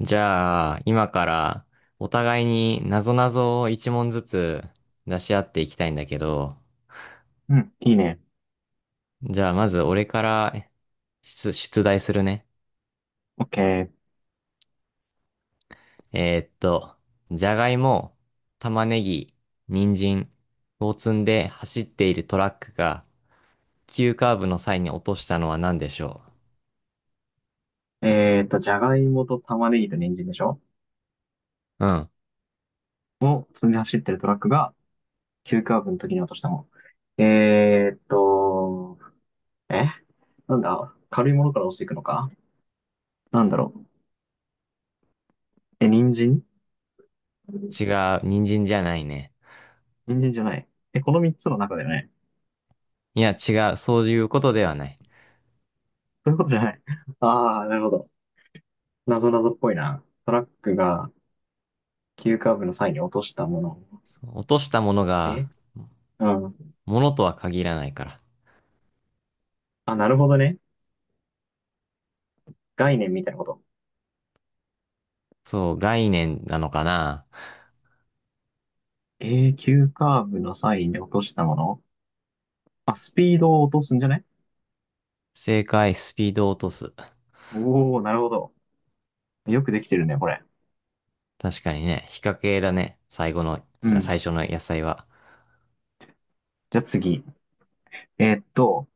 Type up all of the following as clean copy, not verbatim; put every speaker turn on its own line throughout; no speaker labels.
じゃあ、今からお互いに謎々を一問ずつ出し合っていきたいんだけど、
うん、いいね。
じゃあまず俺から出題するね。
オッケー。
えーっと、じゃがいも、玉ねぎ、人参を積んで走っているトラックが急カーブの際に落としたのは何でしょ
じゃがいもと玉ねぎと人参でしょ
う？うん。
を積んで走ってるトラックが、急カーブの時に落としたもの。えなんだ軽いものから落ちていくのか、なんだろう。人参。
違う。人参じゃないね。
人参じゃない。え、この三つの中だよね。
いや、違う。そういうことではない。
そういうことじゃない。ああ、なるほど。なぞなぞっぽいな。トラックが急カーブの際に落としたもの。
落としたものが、
えうん。
ものとは限らないから。
あ、なるほどね。概念みたいなこと。
そう、概念なのかな？
急カーブの際に落としたもの。あ、スピードを落とすんじゃね。
正解、スピードを落とす。
おー、なるほど。よくできてるね、これ。
確かにね、っ掛系だね。最後の、
うん。
最初の野菜は。
じゃあ次。えーっと、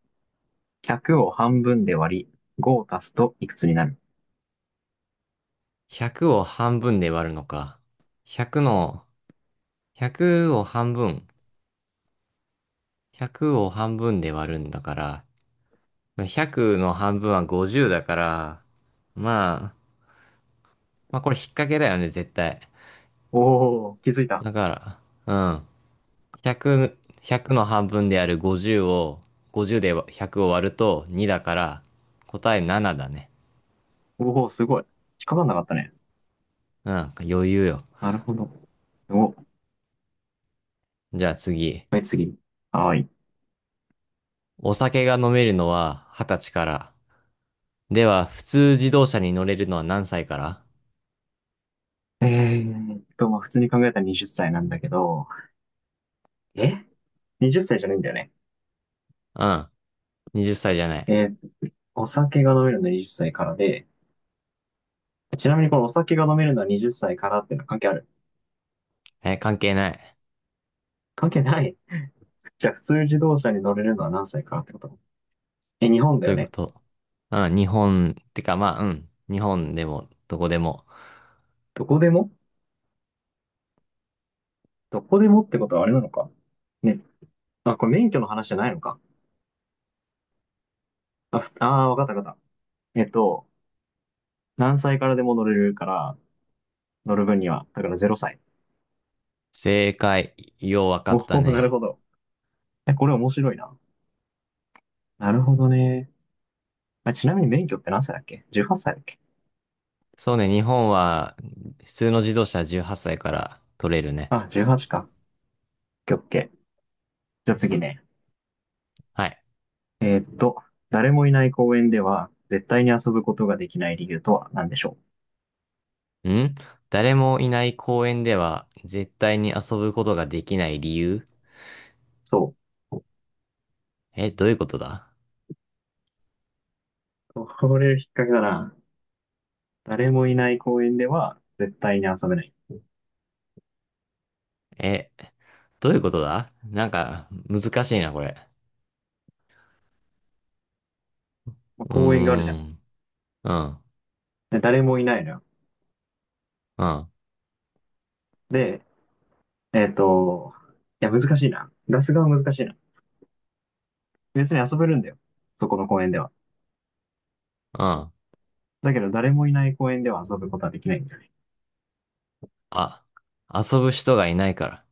100を半分で割り、5を足すといくつになる？
100を半分で割るのか。100の、100を半分。100を半分で割るんだから。100の半分は50だから。まあ、まあこれ引っ掛けだよね、絶対。
おー、気づいた。
だから、うん。100、100の半分である50を、50で100を割ると2だから、答え7だね。
おー、すごい。引っかかんなかったね。
うん、余裕よ。
なるほど。お、
じゃあ次。
はい、次。はーい。
お酒が飲めるのは20歳から。では、普通自動車に乗れるのは何歳から？
まあ、普通に考えたら20歳なんだけど、え ?20 歳じゃないんだよね。
うん。20歳じゃない。
えーお酒が飲めるのは20歳からで、ちなみにこのお酒が飲めるのは20歳からっていうのは関係ある？
え、関係ない。
関係ない。じゃあ、普通自動車に乗れるのは何歳からってこと？え、日本だ
そう
よ
いうこ
ね。
と。うん、日本、てかまあ、うん。日本でも、どこでも。
どこでも？どこでもってことはあれなのか。ね。あ、これ免許の話じゃないのか。あ、ふあー、わかったわかった。何歳からでも乗れるから、乗る分には、だから0歳。
正解。ようわか
お
った
お、なる
ね。
ほど。え、これ面白いな。なるほどね。あ、ちなみに免許って何歳だっけ？ 18 歳だっけ？
そうね、日本は、普通の自動車は18歳から取れるね。
あ、18か。オッケー。じゃあ次ね。
はい。
えーっと、誰もいない公園では、絶対に遊ぶことができない理由とは何でしょう？
ん。誰もいない公園では、絶対に遊ぶことができない理由？
そ
え、どういうことだ？
う、これ引っ掛けだな。誰もいない公園では絶対に遊べない。
え、どういうことだ？なんか、難しいな、これ。
まあ、
うー
公園があるじゃん。
ん。うん。
で、誰もいないのよ。
うん。
で、えっと、いや、難しいな。出す側は難しいな。別に遊べるんだよ。そこの公園では。
うん。
だけど、誰もいない公園では遊ぶことはできないんだよね。
あ、遊ぶ人がいないから。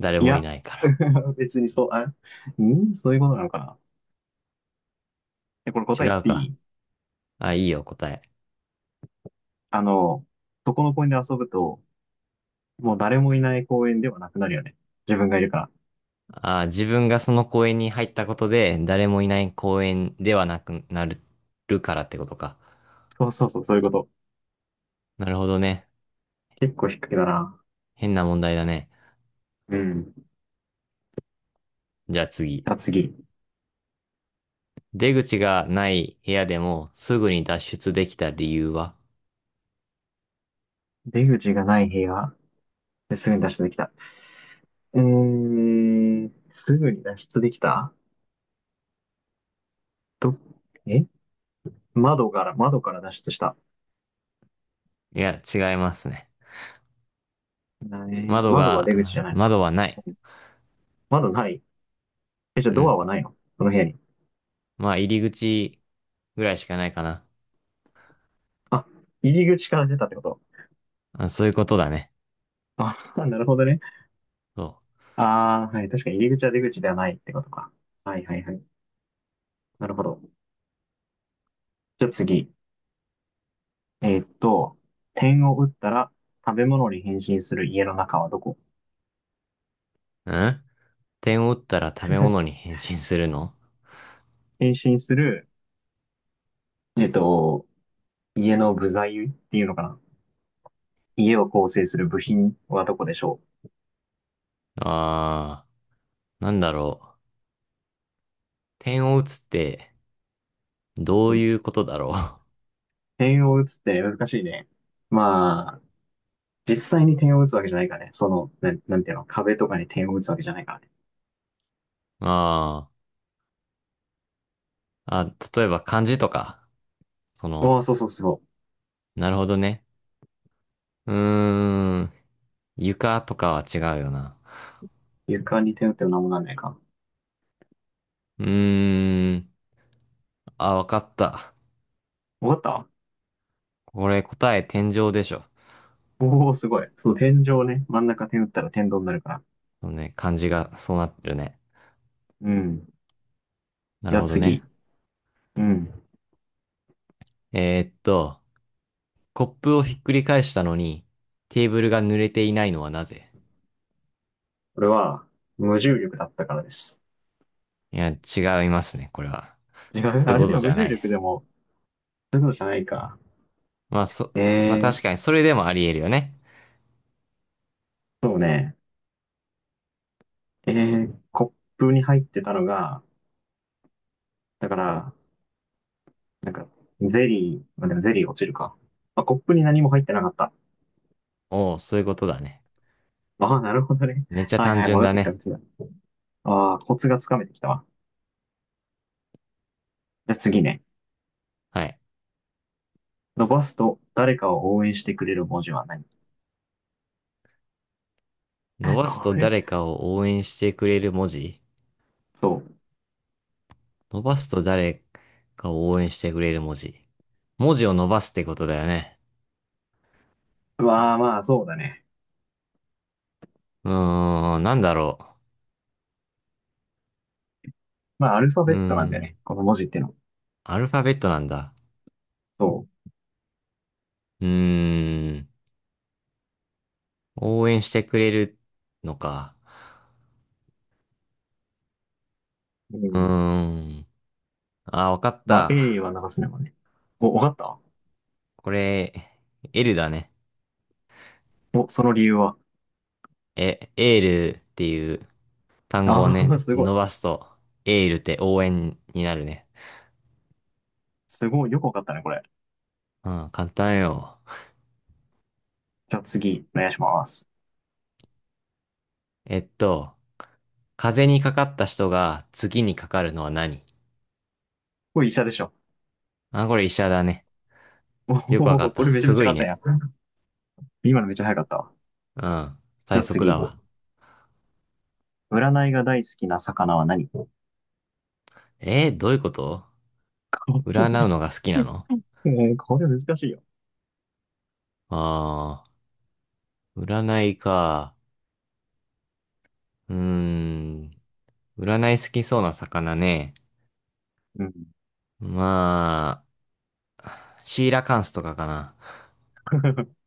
誰
い
もい
や、
ないから。
別にそう、あ、そういうことなのかな。え、これ
違
答え言っ
う
てい
か。
い？
あ、いいよ、答え。
あの、そこの公園で遊ぶと、もう誰もいない公園ではなくなるよね。自分がいるから。
あ、自分がその公園に入ったことで、誰もいない公園ではなくなるからってことか。
そうそうそう、そういうこと。
なるほどね。
結構低いだな。
変な問題だね。
うん。じ
じゃあ次。
ゃあ次。
出口がない部屋でも、すぐに脱出できた理由は？
出口がない部屋。で、すぐに脱出できた。えー、すぐに脱出できた。ど、え窓から脱出した。
いや、違いますね。窓
窓は出口
が、
じゃないのか。
窓はない。
窓ない？え、じゃあ
う
ド
ん。
アはないのその部屋に。
まあ、入り口ぐらいしかないかな。
あ、入り口から出たってこと？
あ、そういうことだね。
あ、なるほどね。
そ
ああ、はい。確かに入り口は出口ではないってことか。はいはいはい。なるほど。じゃあ次。えーっと、点を打ったら食べ物に変身する家の中はどこ？
う。うん。点を打ったら食べ物に 変身するの？
変身する、えっと、家の部材っていうのかな？家を構成する部品はどこでしょ？
あー、なんだろう。点を打つって、ど
う
う
う
い
ん。
うことだろ
点を打つって難しいね。まあ、実際に点を打つわけじゃないからね。その、なんていうの、壁とかに点を打つわけじゃないからね。
う。あー、あ、例えば漢字とか。そ
お
の、
お、そうそうそ
なるほどね。うーん、床とかは違うよな。
う。床に点打っても何もなんないか。
うーん、あ、わかった。
わかった？
これ答え天井でしょ。
おおー、すごい。そう、天井ね。真ん中点打ったら天井になるから。
そうね、漢字がそうなってるね。
うん。
な
じ
る
ゃあ
ほどね。
次。うん。
えーっと、コップをひっくり返したのに、テーブルが濡れていないのはなぜ？
これは、無重力だったからです。
いや、違いますね、これは。
違う、
そういう
あれ
こ
で
と
も
じ
無
ゃな
重
いで
力で
す。
も、そういうのじゃないか。
まあ、そ、
え
まあ確
ー、
かにそれでもあり得るよね。
そうね。えコップに入ってたのが、だから、なんか、ゼリー、まあ、でもゼリー落ちるか。まあ、コップに何も入ってなかった。
おお、そういうことだね。
ああ、なるほどね。
めっ ちゃ
はい
単
はい、
純
分かっ
だ
てきた、
ね。
こちら。ああ、コツがつかめてきたわ。じゃあ次ね。
はい。
伸ばすと、誰かを応援してくれる文字は何？
伸 ばすと
これ、
誰かを応援してくれる文字？
そう。
伸ばすと誰かを応援してくれる文字。文字を伸ばすってことだよね。
うわあ、まあ、そうだね。
うーん、なんだろ
まあ、アルファ
う。う
ベ
ー
ットなんだよね。
ん、
この文字ってのは。
アルファベットなんだ。
そ
うーん、応援してくれるのか。
う。う
うー
ん。
ん。あ、わかっ
まあ、
た。
A は流すねもんね。お、分かった。
これ、L だね。
お、その理由は。
え、エールっていう単語を
あ
ね、
あ、すごい。
伸ばすと、エールって応援になるね。
すごい。よく分かったね、これ。
うん、簡単よ。
じゃあ次、お願いします。
えっと、風邪にかかった人が次にかかるのは何？
これ医者でしょ。
あ、これ医者だね。
お
よくわかっ
お、こ
た。
れめちゃ
す
めち
ご
ゃ
い
簡単
ね。
や。今のめっちゃ早かったわ。
うん、
じ
最
ゃあ
速
次。
だわ。
占いが大好きな魚は何？ こ
どういうこと？占うのが好きな
れ、
の？
これ難しいよ。
あー、占いか。うーん、占い好きそうな魚ね。
うん。
まあ、シーラカンスとかかな。
い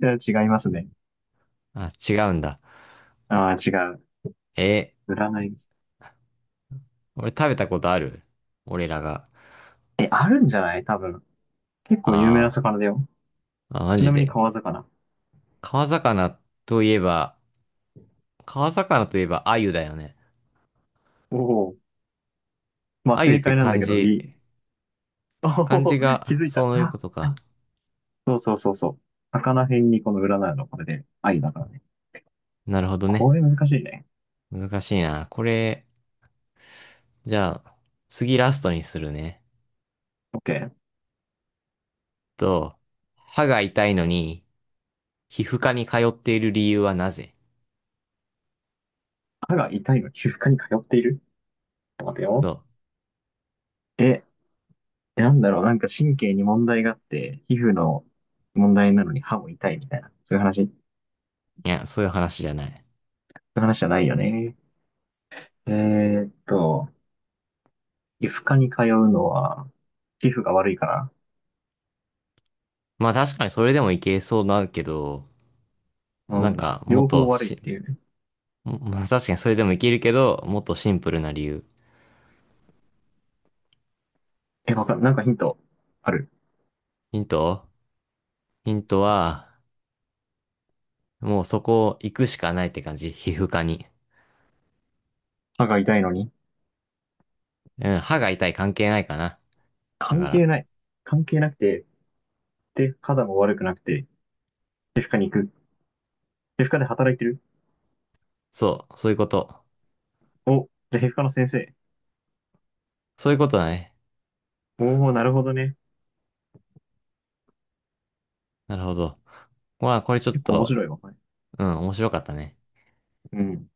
や、違いますね。
あ、違うんだ。
ああ、違う。
え
占いです。
俺食べたことある？俺らが。
え、あるんじゃない多分。結構有名な
あ
魚だよ。
ーあ、マ
ちな
ジ
みに
で。
川魚。
川魚といえば、川魚といえば鮎だよね。
おお。まあ
鮎っ
正
て
解なんだ
漢
けど、
字、
リ。お
漢字
お、気
が
づいた。
そういうことか。
そうそうそうそう。魚編にこの占いのこれで愛だからね。
なるほどね。
これ難しいね。
難しいな。これ、じゃあ、次ラストにするね。
オッケー。
と、歯が痛いのに、皮膚科に通っている理由はなぜ？
歯が痛いのに皮膚科に通っている、ちょっと待ってよ。
と、
え、なんだろう、なんか神経に問題があって、皮膚の問題なのに歯も痛いみたいな、そうい
いや、そういう話じゃない。
う話じゃないよね。えーっと、皮膚科に通うのは、皮膚が悪いから、
まあ確かにそれでもいけそうだけど、
う
なん
ん、
かもっ
両方
と
悪いっ
し、
ていうね。
まあ確かにそれでもいけるけど、もっとシンプルな理由。
え、わかん、なんかヒントある？
ヒントヒントは、もうそこ行くしかないって感じ。皮膚科に。
歯が痛いのに。
うん、歯が痛い関係ないかな。だ
関
か
係
ら、
ない。関係なくて、で、肌も悪くなくて、皮膚科に行く。皮膚科で働いてる。
そう、そういうこと。
お、じゃあ皮膚科の先生。
そういうことだね。
おお、なるほどね。
なるほど。まあこれちょっ
結構面
と、
白いわ、これ。
うん、面白かったね。
うん。